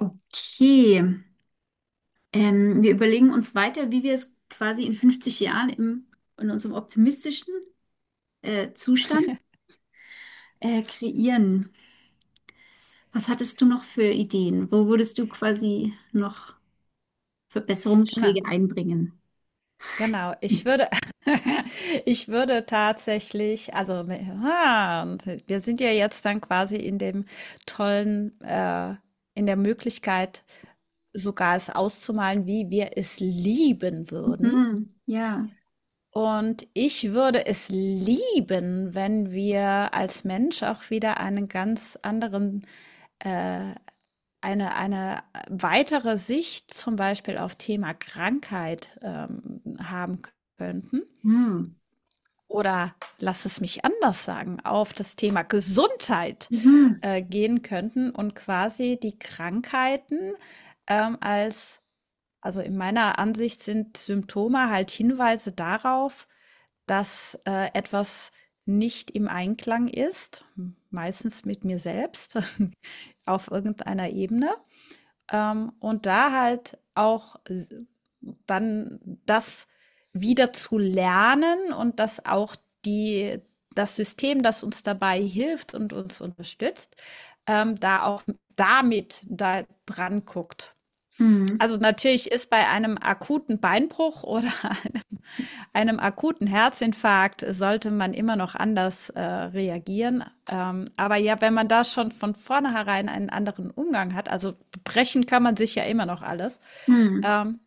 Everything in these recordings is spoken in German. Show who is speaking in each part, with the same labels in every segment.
Speaker 1: Okay. Wir überlegen uns weiter, wie wir es quasi in 50 Jahren im, in unserem optimistischen Zustand kreieren. Was hattest du noch für Ideen? Wo würdest du quasi noch
Speaker 2: Genau,
Speaker 1: Verbesserungsschläge einbringen?
Speaker 2: genau. Ich würde ich würde tatsächlich also, ah, und wir sind ja jetzt dann quasi in dem tollen in der Möglichkeit, sogar es auszumalen, wie wir es lieben würden.
Speaker 1: Mhm. Ja.
Speaker 2: Und ich würde es lieben, wenn wir als Mensch auch wieder einen ganz anderen, äh, eine weitere Sicht zum Beispiel auf Thema Krankheit haben könnten.
Speaker 1: Mhm.
Speaker 2: Oder lass es mich anders sagen, auf das Thema Gesundheit
Speaker 1: Mhm.
Speaker 2: gehen könnten und quasi die Krankheiten ähm, als, also in meiner Ansicht sind Symptome halt Hinweise darauf, dass etwas nicht im Einklang ist, meistens mit mir selbst auf irgendeiner Ebene. Und da halt auch s dann das wieder zu lernen, und dass auch die das System, das uns dabei hilft und uns unterstützt, da auch damit da dran guckt.
Speaker 1: Mhm.
Speaker 2: Also natürlich ist bei einem akuten Beinbruch oder einem akuten Herzinfarkt sollte man immer noch anders reagieren. Aber ja, wenn man da schon von vornherein einen anderen Umgang hat, also brechen kann man sich ja immer noch alles. Ähm,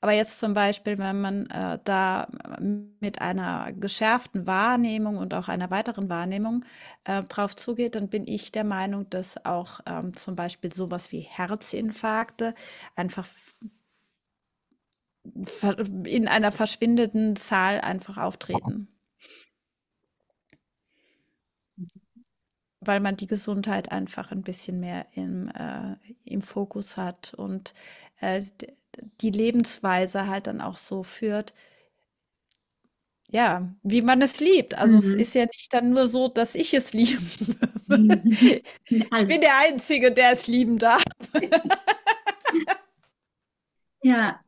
Speaker 2: aber jetzt zum Beispiel, wenn man da mit einer geschärften Wahrnehmung und auch einer weiteren Wahrnehmung drauf zugeht, dann bin ich der Meinung, dass auch zum Beispiel sowas wie Herzinfarkte einfach in einer verschwindenden Zahl einfach auftreten, weil man die Gesundheit einfach ein bisschen mehr im Fokus hat und äh, die Lebensweise halt dann auch so führt, ja, wie man es liebt. Also
Speaker 1: Mhm.
Speaker 2: es
Speaker 1: Mhm.
Speaker 2: ist ja nicht dann nur so, dass ich es liebe. Ich bin
Speaker 1: Alle.
Speaker 2: der Einzige, der es lieben darf.
Speaker 1: Ja.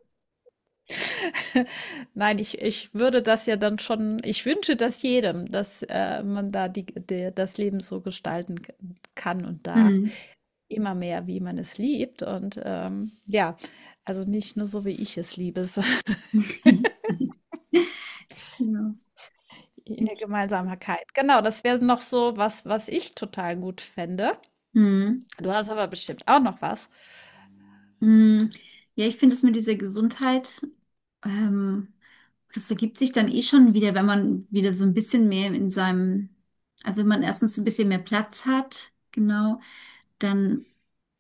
Speaker 2: Nein, ich würde das ja dann schon, ich wünsche das jedem, dass man da das Leben so gestalten kann und darf,
Speaker 1: Mhm.
Speaker 2: immer mehr, wie man es liebt. Und ja, also nicht nur so, wie ich es liebe, sondern
Speaker 1: Ja.
Speaker 2: in
Speaker 1: Finde
Speaker 2: der
Speaker 1: ich.
Speaker 2: Gemeinsamkeit. Genau, das wäre noch so was, was ich total gut fände.
Speaker 1: Mhm.
Speaker 2: Du hast aber bestimmt auch noch was.
Speaker 1: Mm, Ja, ich finde es mit dieser Gesundheit, ähm, das ergibt sich dann eh schon wieder, wenn man wieder so ein bisschen mehr in seinem, also wenn man erstens ein bisschen mehr Platz hat, genau, dann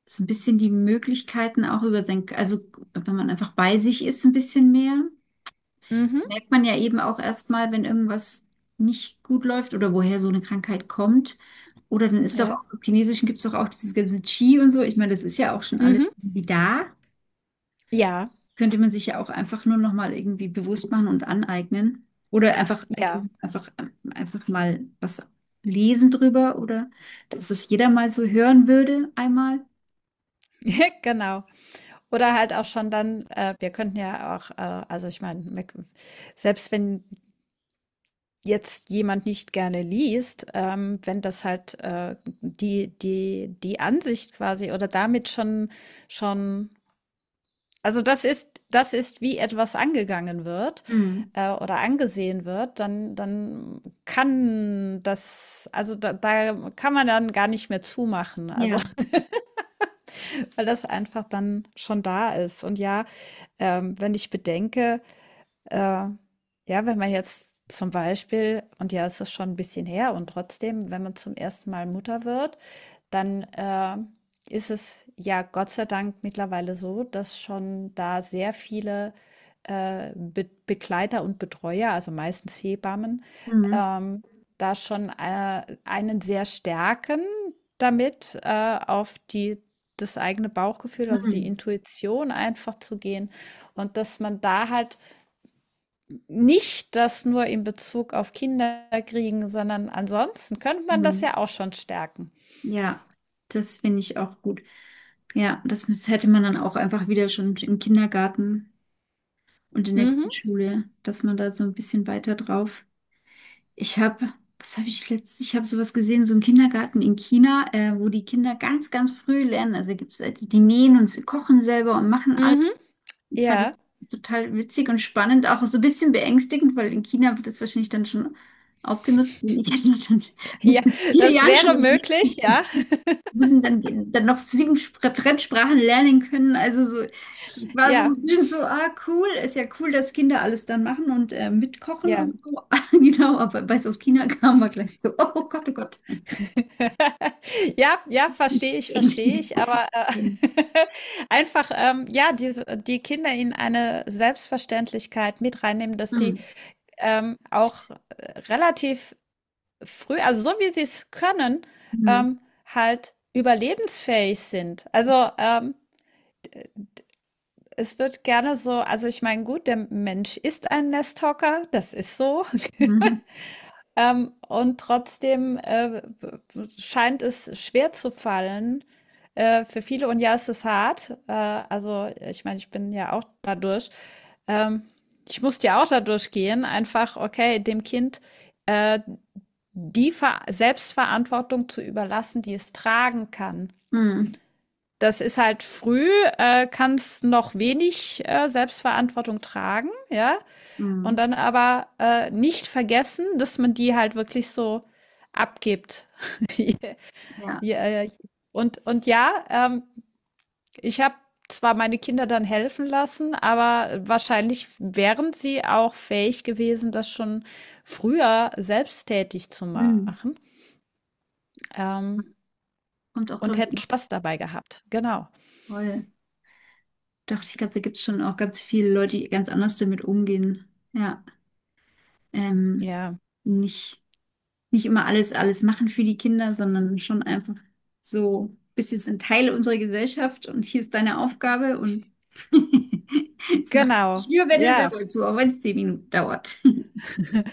Speaker 1: so ein bisschen die Möglichkeiten auch über sein, also wenn man einfach bei sich ist, ein bisschen mehr,
Speaker 2: Mhm,
Speaker 1: merkt man ja eben auch erstmal, wenn irgendwas nicht gut läuft oder woher so eine Krankheit kommt. Oder dann ist doch
Speaker 2: ja.
Speaker 1: auch im Chinesischen gibt es doch auch dieses ganze Qi und so. Ich meine, das ist ja auch schon alles
Speaker 2: Mhm,
Speaker 1: irgendwie da,
Speaker 2: ja,
Speaker 1: könnte man sich ja auch einfach nur noch mal irgendwie bewusst machen und aneignen oder
Speaker 2: ja.
Speaker 1: einfach einfach mal was lesen drüber, oder dass es jeder mal so hören würde einmal.
Speaker 2: Ja, genau. Oder halt auch schon dann, wir könnten ja auch, also ich meine, selbst wenn jetzt jemand nicht gerne liest, wenn das halt die Ansicht quasi oder damit schon, also das ist, wie etwas angegangen wird
Speaker 1: Hm.
Speaker 2: oder angesehen wird, dann kann das, also da kann man dann gar nicht mehr zumachen, also
Speaker 1: Ja.
Speaker 2: weil das einfach dann schon da ist. Und ja, wenn ich bedenke, äh, ja, wenn man jetzt zum Beispiel, und ja, es ist schon ein bisschen her, und trotzdem, wenn man zum ersten Mal Mutter wird, dann ist es ja Gott sei Dank mittlerweile so, dass schon da sehr viele Be Begleiter und Betreuer, also meistens Hebammen,
Speaker 1: Hm.
Speaker 2: ähm, da schon einen sehr stärken damit, auf das eigene Bauchgefühl, also die
Speaker 1: Hm.
Speaker 2: Intuition einfach zu gehen. Und dass man da halt nicht das nur in Bezug auf Kinder kriegen, sondern ansonsten könnte man das
Speaker 1: Hm.
Speaker 2: ja auch schon stärken.
Speaker 1: Ja, das finde ich auch gut. Ja, hätte man dann auch einfach wieder schon im Kindergarten und in der
Speaker 2: Mhm,
Speaker 1: Grundschule, dass man da so ein bisschen weiter drauf. Ich habe, was habe ich letztens, ich habe sowas gesehen, so im Kindergarten in China, wo die Kinder ganz, ganz früh lernen. Also gibt es die, die nähen und sie kochen selber und machen alles.
Speaker 2: mhm.
Speaker 1: Ich fand
Speaker 2: Ja,
Speaker 1: das total witzig und spannend, auch so ein bisschen beängstigend, weil in China wird das wahrscheinlich dann schon ausgenutzt. Und ich hätte dann schon
Speaker 2: ja,
Speaker 1: mit vier
Speaker 2: das
Speaker 1: Jahren schon
Speaker 2: wäre möglich, ja,
Speaker 1: müssen dann, dann noch Fremdsprachen lernen können. Also so, ich war so so
Speaker 2: ja,
Speaker 1: ein bisschen so, ah, cool, ist ja cool, dass Kinder alles dann machen und mitkochen
Speaker 2: ja.
Speaker 1: und so. Genau, aber weil es aus China kam, war gleich so, oh Gott, oh Gott.
Speaker 2: Ja, ja, verstehe
Speaker 1: Ängstigend.
Speaker 2: ich, aber,
Speaker 1: Mhm.
Speaker 2: einfach, ja, diese die Kinder in eine Selbstverständlichkeit mit reinnehmen, dass die, auch relativ früh also, so wie sie es können,
Speaker 1: Mhm.
Speaker 2: ähm, halt überlebensfähig sind. Also, es wird gerne so also, ich meine, gut, der Mensch ist ein Nesthocker, das ist so,
Speaker 1: Mhm.
Speaker 2: und trotzdem, scheint es schwer zu fallen, für viele und ja, es ist hart. Also, ich meine, ich bin ja auch dadurch ähm, ich musste ja auch dadurch gehen, einfach, okay, dem Kind, äh die Ver Selbstverantwortung zu überlassen, die es tragen kann.
Speaker 1: Mhm.
Speaker 2: Das ist halt früh, kann es noch wenig Selbstverantwortung tragen, ja. Und
Speaker 1: Mhm.
Speaker 2: dann aber nicht vergessen, dass man die halt wirklich so abgibt.
Speaker 1: Ja.
Speaker 2: Ja, ja. Und ja, ich habe zwar meine Kinder dann helfen lassen, aber wahrscheinlich wären sie auch fähig gewesen, das schon früher selbsttätig zu
Speaker 1: Mhm.
Speaker 2: machen. Ähm,
Speaker 1: Kommt auch,
Speaker 2: Und
Speaker 1: glaube ich,
Speaker 2: hätten
Speaker 1: immer
Speaker 2: Spaß dabei gehabt. Genau.
Speaker 1: voll. Doch, ich glaube, da gibt es schon auch ganz viele Leute, die ganz anders damit umgehen. Ja. Ähm,
Speaker 2: Ja,
Speaker 1: nicht. Nicht immer alles, alles machen für die Kinder, sondern schon einfach so, bist jetzt ein Teil unserer Gesellschaft und hier ist deine Aufgabe und mach
Speaker 2: genau.
Speaker 1: dich nur, wenn du
Speaker 2: Ja,
Speaker 1: selber zu, auch wenn es 10 Minuten dauert.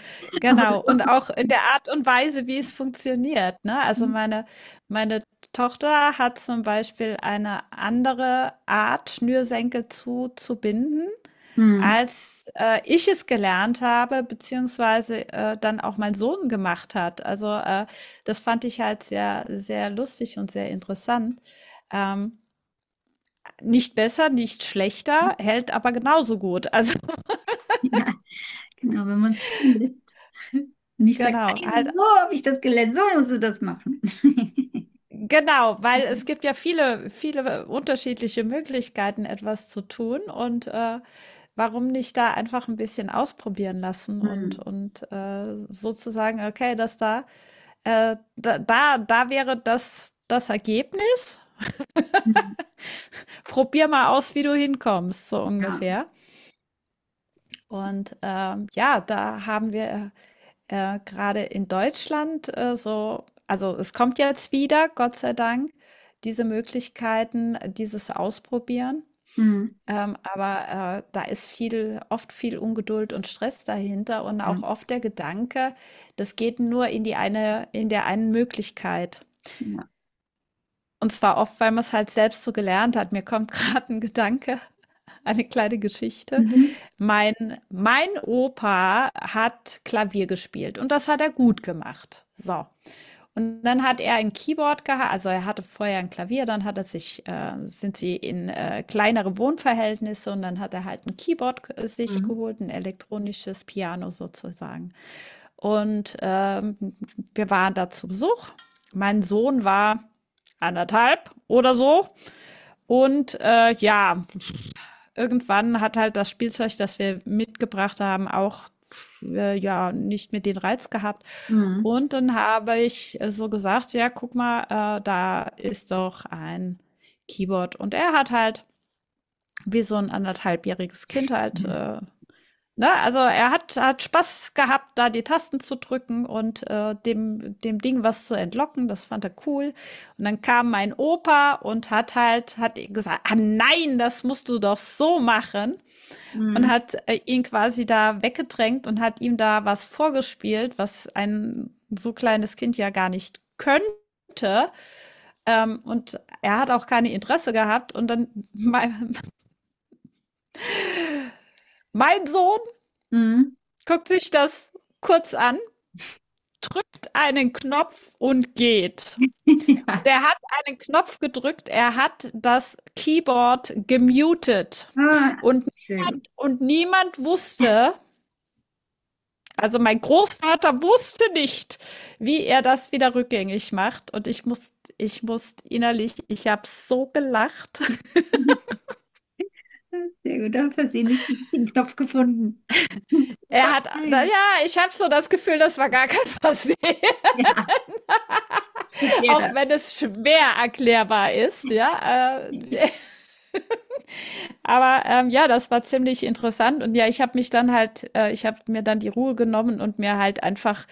Speaker 1: Aber
Speaker 2: genau. Und
Speaker 1: so.
Speaker 2: auch in der Art und Weise, wie es funktioniert, ne? Also meine Tochter hat zum Beispiel eine andere Art, Schnürsenkel zuzubinden,
Speaker 1: Hm,
Speaker 2: als ich es gelernt habe, beziehungsweise dann auch mein Sohn gemacht hat. Also das fand ich halt sehr, sehr lustig und sehr interessant. Ähm, Nicht besser, nicht schlechter, hält aber genauso gut. Also
Speaker 1: ja, genau, wenn man es lässt. Und ich sage,
Speaker 2: genau, halt
Speaker 1: nein, so habe ich das gelernt, so musst du das machen.
Speaker 2: genau, weil es gibt ja viele, viele unterschiedliche Möglichkeiten, etwas zu tun, und warum nicht da einfach ein bisschen ausprobieren lassen
Speaker 1: Hm,
Speaker 2: und sozusagen, okay, das da, da, da, da wäre das das Ergebnis.
Speaker 1: hm,
Speaker 2: Probier mal aus, wie du hinkommst, so
Speaker 1: ja.
Speaker 2: ungefähr. Und ja, da haben wir, grade in Deutschland, so also, es kommt jetzt wieder, Gott sei Dank, diese Möglichkeiten, dieses Ausprobieren.
Speaker 1: Hm,
Speaker 2: Aber, da ist viel oft viel Ungeduld und Stress dahinter und auch
Speaker 1: ja.
Speaker 2: oft der Gedanke, das geht nur in die eine in der einen Möglichkeit.
Speaker 1: Ja.
Speaker 2: Und zwar oft, weil man es halt selbst so gelernt hat. Mir kommt gerade ein Gedanke, eine kleine Geschichte.
Speaker 1: Mhm.
Speaker 2: Mein mein Opa hat Klavier gespielt, und das hat er gut gemacht. So. Und dann hat er ein Keyboard gehabt, also er hatte vorher ein Klavier, dann hat er sich, sind sie in kleinere Wohnverhältnisse, und dann hat er halt ein Keyboard sich
Speaker 1: Mhm.
Speaker 2: geholt, ein elektronisches Piano sozusagen. Und wir waren da zu Besuch. Mein Sohn war anderthalb oder so. Und ja, irgendwann hat halt das Spielzeug, das wir mitgebracht haben, auch ja nicht mehr den Reiz gehabt.
Speaker 1: Mhm.
Speaker 2: Und dann habe ich so gesagt, ja, guck mal, da ist doch ein Keyboard. Und er hat halt wie so ein anderthalbjähriges Kind halt,
Speaker 1: Ja.
Speaker 2: ne, also hat Spaß gehabt, da die Tasten zu drücken und dem Ding was zu entlocken. Das fand er cool. Und dann kam mein Opa und hat hat gesagt, ah nein, das musst du doch so machen, und
Speaker 1: Mhm.
Speaker 2: hat ihn quasi da weggedrängt und hat ihm da was vorgespielt, was ein so kleines Kind ja gar nicht könnte. Und er hat auch keine Interesse gehabt. Und dann mein, mein Sohn
Speaker 1: Mhm.
Speaker 2: guckt sich das kurz an, drückt einen Knopf und geht. Und
Speaker 1: Ja.
Speaker 2: er hat einen Knopf gedrückt, er hat das Keyboard gemutet.
Speaker 1: Ah,
Speaker 2: Und,
Speaker 1: sehr gut.
Speaker 2: und niemand wusste, also mein Großvater wusste nicht, wie er das wieder rückgängig macht. Und ich muss innerlich, ich habe so gelacht.
Speaker 1: Sehr gut, da versehentlich den richtigen Knopf gefunden.
Speaker 2: Er
Speaker 1: Super,
Speaker 2: hat, na ja,
Speaker 1: nein.
Speaker 2: ich habe so das Gefühl, das war gar kein Versehen,
Speaker 1: Ja, geht
Speaker 2: auch
Speaker 1: jeder.
Speaker 2: wenn es schwer erklärbar ist, ja. Aber ja, das war ziemlich interessant. Und ja, ich habe mich dann halt, ich habe mir dann die Ruhe genommen und mir halt einfach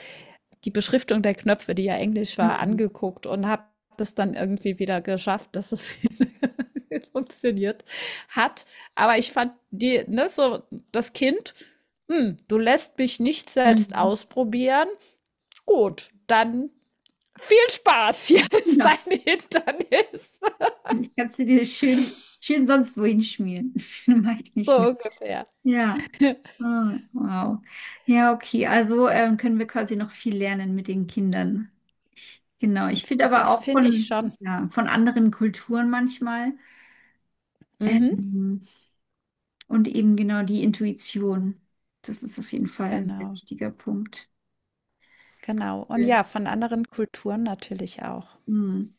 Speaker 2: die Beschriftung der Knöpfe, die ja Englisch war,
Speaker 1: Mhm.
Speaker 2: angeguckt und habe das dann irgendwie wieder geschafft, dass es funktioniert hat. Aber ich fand die, ne, so das Kind, hm, du lässt mich nicht selbst
Speaker 1: Mhm.
Speaker 2: ausprobieren. Gut, dann viel Spaß, hier ist
Speaker 1: Genau.
Speaker 2: dein Hindernis.
Speaker 1: Ich kann es dir schön, schön sonst wohin schmieren. Mache ich nicht
Speaker 2: So
Speaker 1: mit.
Speaker 2: ungefähr.
Speaker 1: Ja. Ah, wow. Ja, okay. Also können wir quasi noch viel lernen mit den Kindern. Ich, genau. Ich finde aber
Speaker 2: Das
Speaker 1: auch
Speaker 2: finde ich
Speaker 1: von,
Speaker 2: schon.
Speaker 1: ja, von anderen Kulturen manchmal.
Speaker 2: Mhm,
Speaker 1: Ähm, Und eben genau die Intuition. Das ist auf jeden Fall ein sehr
Speaker 2: genau,
Speaker 1: wichtiger Punkt.
Speaker 2: genau. Und ja,
Speaker 1: Schön.
Speaker 2: von anderen Kulturen natürlich auch.
Speaker 1: Hm.